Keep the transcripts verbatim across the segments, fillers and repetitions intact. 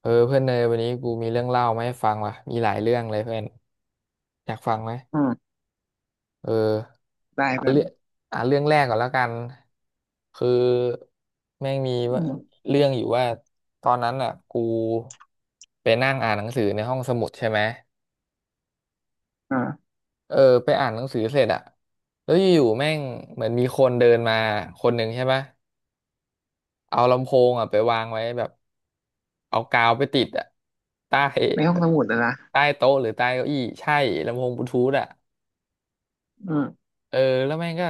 เออเพื่อนเนยวันนี้กูมีเรื่องเล่ามาให้ฟังว่ะมีหลายเรื่องเลยเพื่อนอยากฟังไหมอืมเออได้เอาแบบเรื่องเอาเรื่องแรกก่อนแล้วกันคือแม่งมีอืว่ามเรื่องอยู่ว่าตอนนั้นอ่ะกูไปนั่งอ่านหนังสือในห้องสมุดใช่ไหมอ่าเออไปอ่านหนังสือเสร็จอ่ะแล้วอยู่ๆแม่งเหมือนมีคนเดินมาคนหนึ่งใช่ปะเอาลำโพงอ่ะไปวางไว้แบบเอากาวไปติดอ่ะใต้ในห้องสมุดอะนะใต้โต๊ะหรือใต้เก้าอี้ใช่ลำโพงบลูทูธอ่ะ อืมเออแล้วแม่งก็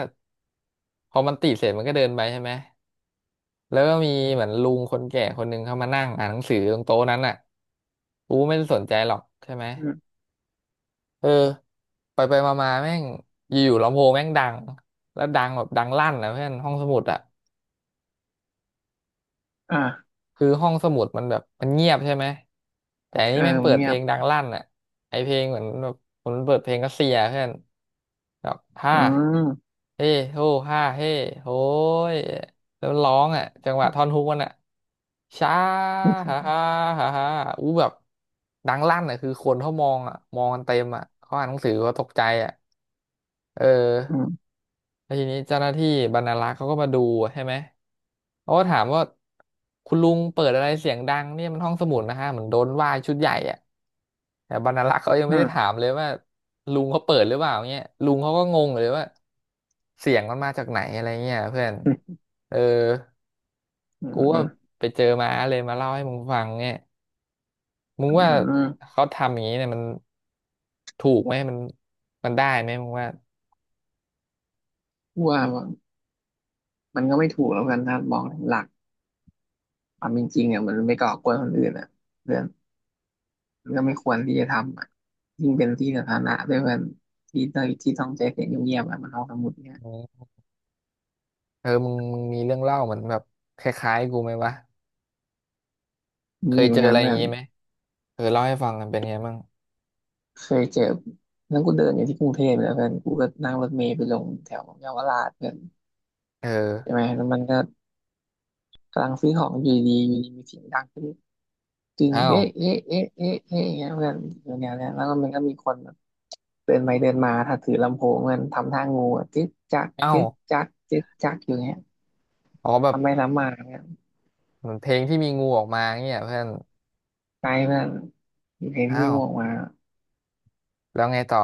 พอมันติดเสร็จมันก็เดินไปใช่ไหมแล้วก็มีเหมือนลุงคนแก่คนหนึ่งเข้ามานั่งอ่านหนังสือตรงโต๊ะนั้นอ่ะกูไม่ได้สนใจหรอกใช่ไหมอืมเออไปไปมามาแม่งอยู่ๆลำโพงแม่งดังแล้วดังแบบดังลั่นนะเพื่อนห้องสมุดอ่ะ อ่าคือห้องสมุดมันแบบมันเงียบใช่ไหมแต่อันเอนี้อแม่งมัเปินดเงีเพยลบงดังลั่นอ่ะไอเพลงเหมือนแบบผมเปิดเพลงรัสเซียเพื่อนแบบฮ่าอืมเฮ้โฮฮ่าเฮ้โหยแล้วมันร้องอ่ะจังหวะท่อนฮุกมันอ่ะช้าฮ่าฮ่าฮ่าฮ่าอู้แบบดังลั่นอ่ะคือคนเขามองอ่ะมองกันเต็มอ่ะเขาอ่านหนังสือเขาตกใจอ่ะเออือ มแล้วทีนี้เจ้าหน้าที่บรรณารักษ์เขาก็มาดูใช่ไหมเขาก็ถามว่าคุณลุงเปิดอะไรเสียงดังเนี่ยมันห้องสมุดนะฮะเหมือนโดนว่าชุดใหญ่อะแต่บรรณารักษ์เขายังอืไม่ได้ถามมเลยว่าลุงเขาเปิดหรือเปล่าเงี้ยลุงเขาก็งงเลยว่าเสียงมันมาจากไหนอะไรเงี้ยเพื่อนอืมเอออืมกูอืว่าไปเจอมาเลยมาเล่าให้มึงฟังเนี่ยมึมงว่าอืมเขาทำอย่างนี้เนี่ยมันถูกไหมมันมันได้ไหมมึงว่าว่ามันก็ไม่ถูกแล้วกันถ้ามองหลักความเป็นจริงอ่ะมันไม่ก่อกวนคนอื่นอ่ะเพื่อนมันก็ไม่ควรที่จะทำอ่ะยิ่งเป็นที่สาธารณะด้วยเพื่อนที่ต้องที่ต้องใจเสียงเงียบๆอ่ะมันห้องสมุดเนี่ยอืมเออมึงมึงมีเรื่องเล่าเหมือนแบบคล้ายๆกูไหมวะ เคมียเหมืเจอนอกัอะนไรอเพื่ย่างอนนี้ไหมเออเล่าให้ฟังกันเป็นไงบ้างเคยเจอแั้งกูเดินอยู่ที่กรุงเทพเนี่ยเพื่อนกูก็นั่งรถเมล์ไปลงแถวเยาวราชเพื่อนเออใช่ไหมแล้วมันก็ กำลังซื้อของอยู่ดีอยู่ดีมีเสียงดังขึ้นจึงอ้าวเอ๊ะเอ๊ะเอ๊ะเอ๊ะเอ๊ะอย่างเงี้ยเพื่อนอยู่แนวเนี้ยแล้วก็มันก็มีคนแบบเดินไปเดินมาถ้าถือลำโพงมันทำท่างูอะจึ๊กจักอ้าวจึ๊กจักจึ๊กจักอยู่เงี้ยอ๋อแบบทำไปทำมาเนี่ยเหมือนเพลงที่มีงูออกมาเงี้ยเพื่อนใจเพื่อนเพลงที่อ้ามีวงูออกมาแล้วไงต่อ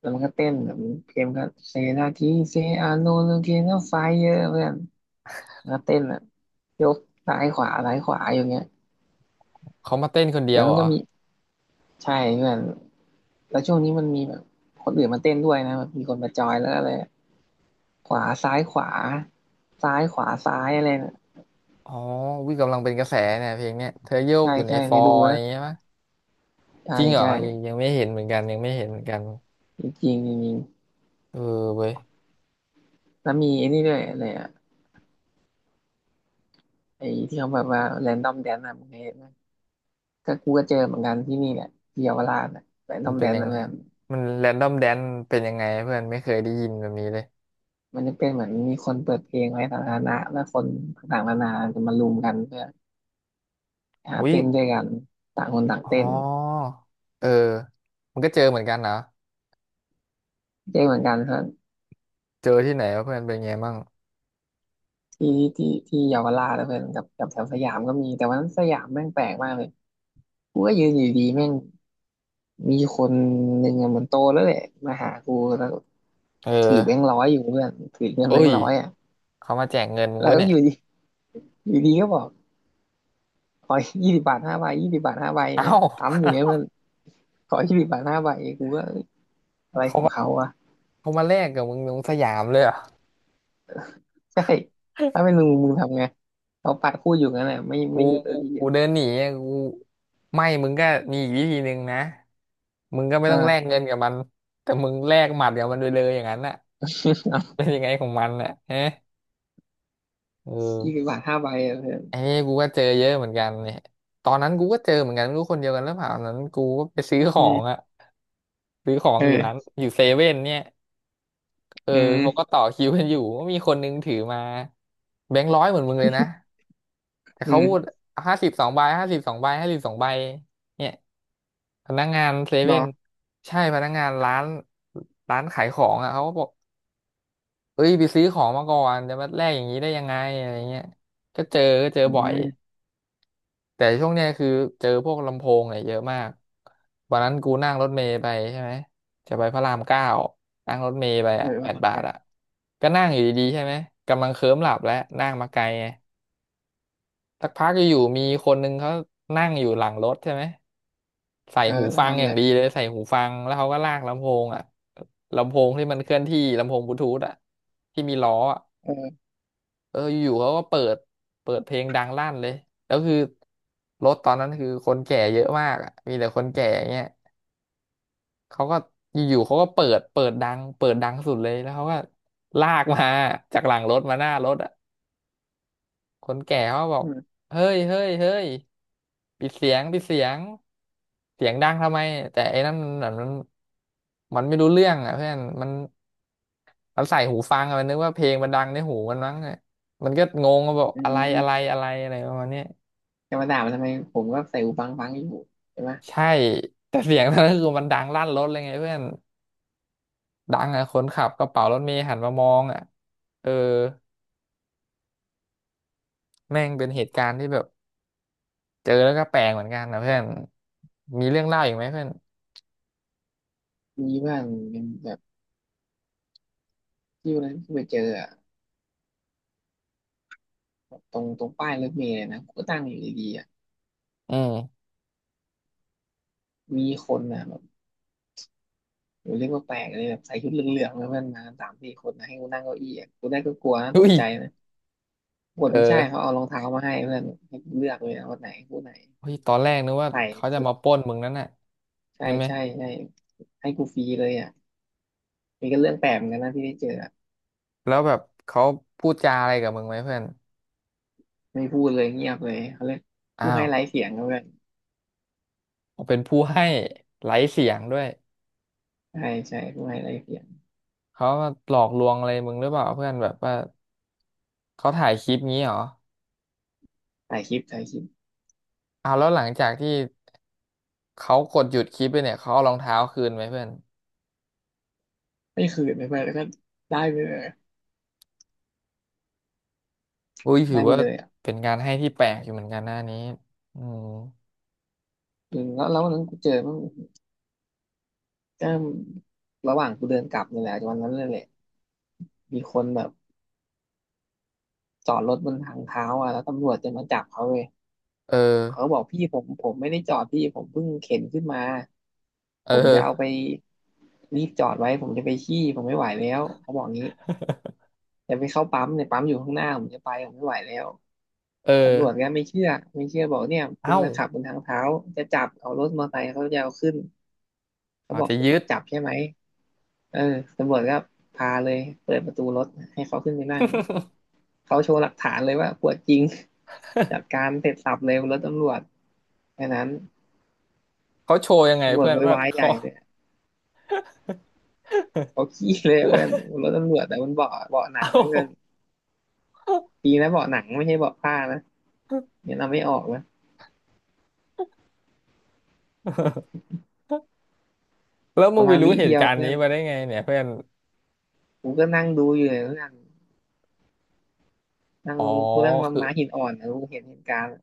แล้วมันก็เต้นแบบเพลงก็เซนาทีเซอาโนลูเกนไฟเยอะเพื่อนมันก็เต้นอ่ะยกซ้ายขวาซ้ายขวาอยู่เงี้ยเขามาเต้นคนเดียแล้ววเหมัรนอก็มีใช่เพื่อนแล้วช่วงนี้มันมีแบบคนอื่นมาเต้นด้วยนะแบบมีคนมาจอยแล้วอะไร ขวาซ้ายขวาซ้ายขวาซ้ายอะไรนะอ๋อวิกำลังเป็นกระแสเนี่ยเพลงเนี้ยเธอโยกใช่อยู่ในใช่ฟเคอยดูร์อนะย่างเงี้ยปะใช่จริงเหรอใช่ยังยังไม่เห็นเหมือนกันยังไม่เห็นเหมือนกันจริงจริงจริงเออเว้ยแล้วมีไอ้นี่ด้วยอะไรอะไอ้ที่เขาแบบว่าแรนดอมแดนอะมึงเคยเห็นไหมก็กูก็เจอเหมือนกันที่นี่แหละที่เยาวราชอะแรนดมัอนมเป็แดนนยังอะไงแบบมันแรนดอมแดนเป็นยังไงเพื่อนไม่เคยได้ยินแบบนี้เลยมันจะเป็นเหมือนมีคนเปิดเพลงไว้สาธารณะแล้วคนต่างๆนานาจะมารุมกันเพื่อหาอุ้ยเต้นด้วยกันต่างคนต่างอ๋อเต้นเออมันก็เจอเหมือนกันเหรอเจอเหมือนกันครับเจอที่ไหนวะเพื่อนเป็นไงบ้างที่ที่ที่เยาวราชแล้วเพื่อนกับกับแถวสยามก็มีแต่วันนั้นสยามแม่งแปลกมากเลยกูก็ยืนอยู่ดีแม่ง มีคนหนึ่งอะเหมือนโตแล้วแหละมาหากูแล้วเอถือแบงอ ค์ร้อยอยู่เพื่อนถือเงินเอ้แบงค์ยร้อยอ่ะเขามาแจกเงินมึงแล้ววะก็เนี่อย ยู่ดีอยู่ดีก็บอกขอยี่สิบบาทห้าใบยี่สิบบาทห้าใบอย่าเอ้างเงี้ยซ้ำอยู่เงี้ยมันขอยี่สิบบาทห้าใบกูก็เอ้ยอะไรเขาของมาเขาวะเขามาแลกกับมึงตรงสยามเลยเหรอใช่ถ้าเป็นมึงมึงทำไงเขาปะพูดอยู่งั้นแหละไม่กูไม่หยุดเลกูยทีดีกูเดินหนีอะกูไม่มึงก็มีอีกวิธีหนึ่งนะมึงก็ไม่ต้องแลกอ่า เงินกับมันแต่มึงแลกหมัดกับมันไปเลยอย่างนั้นน่ะเป็น ยังไงของมันน่ะฮะเออยี่สิบบาทห้าใบอะเพื่อนไอ้นี่กูก็เจอเยอะเหมือนกันเนี่ยตอนนั้นกูก็เจอเหมือนกันไม่รู้คนเดียวกันหรือเปล่าตอนนั้นกูก็ไปซื้อขอือมงอะซื้อของเออยู่ร้าอนอยู่เซเว่นเนี่ยเอออืเขาก็มต่อคิวกันอยู่ก็มีคนนึงถือมาแบงค์ร้อยเหมือนมึงเลยนะ แต่อืเขาพูดมห้าสิบสองใบห้าสิบสองใบห้าสิบสองใบเนี่ยพนักงานเซรเว่อนใช่พนักงานร้านร้านขายของอ่ะเขาก็บอกเอ้ยไปซื้อของมาก่อนจะมาแลกอย่างนี้ได้ยังไงอะไรเงี้ยก็เจอก็เจออืบ่อยมแต่ช่วงเนี้ยคือเจอพวกลำโพงเนี่ยเยอะมากวันนั้นกูนั่งรถเมล์ไปใช่ไหมจะไปพระรามเก้านั่งรถเมล์ไปเอออ่ะแปวันดหลังบากทลับอ่ะก็นั่งอยู่ดีๆใช่ไหมกำลังเคลิ้มหลับแล้วนั่งมาไกลไงสักพักอยู่ๆมีคนนึงเขานั่งอยู่หลังรถใช่ไหม ใส่เออหูแล้วฟังทำออะย่าไรงดีเลยใส่หูฟังแล้วเขาก็ลากลำโพงอ่ะลำโพงที่มันเคลื่อนที่ลำโพงบลูทูธอ่ะที่มีล้ออ่ะเออเอออยู่ๆเขาก็เปิดเปิดเพลงดังลั่นเลยแล้วคือรถตอนนั้นคือคนแก่เยอะมากอ่ะมีแต่คนแก่เงี้ยเขาก็อยู่ๆเขาก็เปิดเปิดดังเปิดดังสุดเลยแล้วเขาก็ลากมาจากหลังรถมาหน้ารถ คนแก่เขาบอกอืมเฮ้ยเฮ้ยเฮ้ยปิดเสียงปิดเสียงเสียงดังทำไมแต่ไอ้นั่นมันมันมันไม่รู้เรื่องอ่ะเพื่อนมันมันใส่หูฟังอะมันนึกว่าเพลงมันดังในหูมันมั้งอะมันก็งงว่าบอกอือะไรอะไรม อะไรอะไรประมาณเนี้ยจะมาด่ามันทำไมผมก็ใส่หูฟังฟังอยู่ใช่ไหมใช่แต่เสียงนั้นก็คือมันดังลั่นรถเลยไงเพื่อนดังอ่ะคนขับกระเป๋ารถเมล์หันมามองอ่ะเออแม่งเป็นเหตุการณ์ที่แบบเจอแล้วก็แปลกเหมือนกันนะเพื่อนมีเรื่องเล่าอีกไหมเพื่อนมีบ้างเป็นแบบที่วันนั้นที่ไปเจออะตรงตรงป้ายรถเมล์เลยนะผมก็ตั้งอยู่ดีๆอะอืม มีคนอ่ะแบบผมเรียกว่าแปลกเลยแบบใส่ชุดเหลืองๆนะเพื่อนมาสามสี่คนนะให้กูนั่งเก้าอี้อะกูได้ก็กลัวนะตอุ้กย ใจนะปรากฏเอไม่ใช่อเขาเอารองเท้ามาให้เพื่อนให้กูเลือกเลยนะว่าไหนคู่ไหนเฮ้ยตอนแรกนึกว่าใส่เขาจะสุดมาปล้นมึงนั่นน่ะใช่ใช่ไหมใช่ใช่ให้กูฟรีเลยอ่ะนี่ก็เรื่องแปลกเหมือนกันนะที่ได้เจออะแล้วแบบเขาพูดจาอะไรกับมึงไหมเพื่อนไม่พูดเลยเงียบเลยเขาเรียกอ้าผู้ให้วไร้เสียงนะเพื่อนเขาเป็นผู้ให้ไร้เสียงด้วยใช่ใช่ผู้ให้ไร้เสียงเขามาหลอกลวงอะไรมึงหรือเปล่าเพื่อนแบบว่าเขาถ่ายคลิปงี้เหรอถ่ายคลิปถ่ายคลิป อ้าวแล้วหลังจากที่เขากดหยุดคลิปไปเนี่ยเขาเอารองเท้าคืนไหมเพื่อนไม่คืนไม่ไปแล้วก็ได้ไปเลยอุ้ยถืได้อไปว่าเลยอ่ะเป็นการให้ที่แปลกอยู่เหมือนกันหน้านี้อืมอืมแล้วแล้ววันนั้นกูเจอมันก็ระหว่างกูเดินกลับนี่แหละวันนั้นเลยแหละมีคนแบบจอดรถบนทางเท้าอ่ะแล้วตำรวจจะมาจับเขาเลยเออเขาก็บอกพี่ผมผมไม่ได้จอดพี่ผมเพิ่งเข็นขึ้นมาเอผอมจะเอาไปเรีบจอดไว้ผมจะไปขี้ผมไม่ไหวแล้วเขาบอกงี้จะไปเข้าปั๊มเนี่ยปั๊มอยู่ข้างหน้าผมจะไปผมไม่ไหวแล้วอตำรวจอก็ไม่เชื่อไม่เชื่อบอกเนี่ยคุณเอ้ามาขับบนทางเท้าจะจับเอารถมอเตอร์ไซค์เขาจะเอาขึ้นเขาเขาบอกจะยึด จับใช่ไหม เออตำรวจก็พาเลยเปิดประตูรถให้เขาขึ้นไปนั่ง เขาโชว์หลักฐานเลยว่าปวดจริงจัดการเสร็จสับเลยวรถตำรวจแค่นั้นเขาโชว์ยังไงตำรวจเพื่อนโวยว่าวายใหเขา ญ่เลยเขาขี้เลยเพื่อน นรถตำรวจแต่มันเบาะเบาะหนัเอ้า งเขาเพื่อนดีนะเบาะหนังไม่ใช่เบาะผ้านะเนี่ยเราไม่ออกนะ แล้วปมึงระไปมาณรู้วิเหเดีตุยวการณ์เพื่นี้อนมาได้ไงเนี่ยเพื่อนกูก็นั่งดูอยู่เลยเพื่อนนั่งอ๋อกูนั่งมาคือม้าหินอ่อนนะกูเห็นเหตุการณ์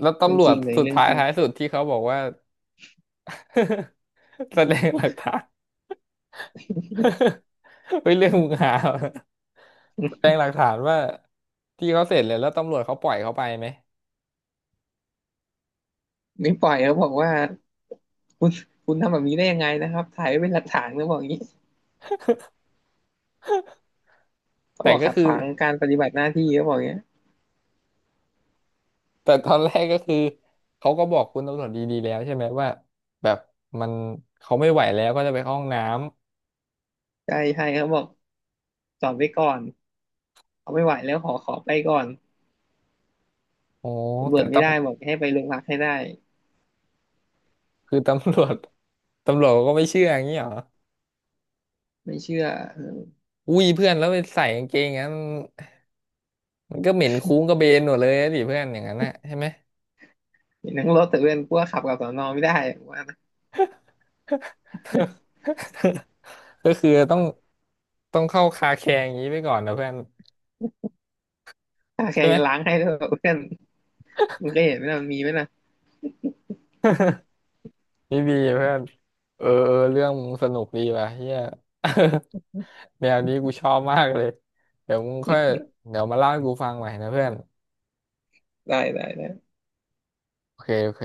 แล้วเรื่อตำงรวจจริงเลยสุดเรื่องท้ายจริงท้ายสุดที่เขาบอกว่า แสดงหลักฐาน เฮ้ยเรื่องมึงหาเหรอแสดงหลักฐานว่าที่เขาเสร็จเลยแล้วตำรวจเขาปล่อยเขาไปไหมไม่ปล่อยเขาบอกว่าคุณคุณทำแบบนี้ได้ยังไงนะครับถ่ายไว้เป็นหลักฐานเขาบอกอย่างนี้ เขาแต่บอกก็ขัดคือขวางการปฏิบัติหน้าที่เขาบอกอย่างเงี้ยแต่ตอนแรกก็คือเขาก็บอกคุณตำรวจดีๆแล้วใช่ไหมว่าแบบมันเขาไม่ไหวแล้วก็จะไปเข้าห้องน้ำใช่ใช่เขาบอกจอดไว้ก่อนเขาไม่ไหวแล้วขอขอไปก่อนอ๋อตำรแต่วจตไม่ได้บอกให้ไปโรงพักให้ได้ำคือตำรวจตำรวจก็ไม่เชื่ออย่างนี้เหรอ ไม่เชื่ออุ้ยเพื่อนแล้วไปใส่กางเกงอย่างนั้นมันก็เหม็นคุ้งกระเบนหมดเลยนะดิเพื่อนอย่างนั้นนะใช่ไหม เห็นทั้งรถแต่เพื่อนกลัวขับกับสอนอไม่ได้ว่านะ ก็คือต้องต้องเข้าคาแคร์อย่างนี้ไปก่อนนะเพื่อนถ้าแค่ใช่ไหมจะล้างให้ด้วยเพื่อนมึงก็เห็นไหมนะมันมีไหมนะนี่ดีเพื่อนเออเออเรื่องมึงสนุกดีว่ะเฮีย แนวนี้กูชอบมากเลยเดี๋ยวมึงค่อยเดี๋ยวมาเล่าให้กูฟังใหม่นะเพื่อนได้ได้ได้โอเคโอเค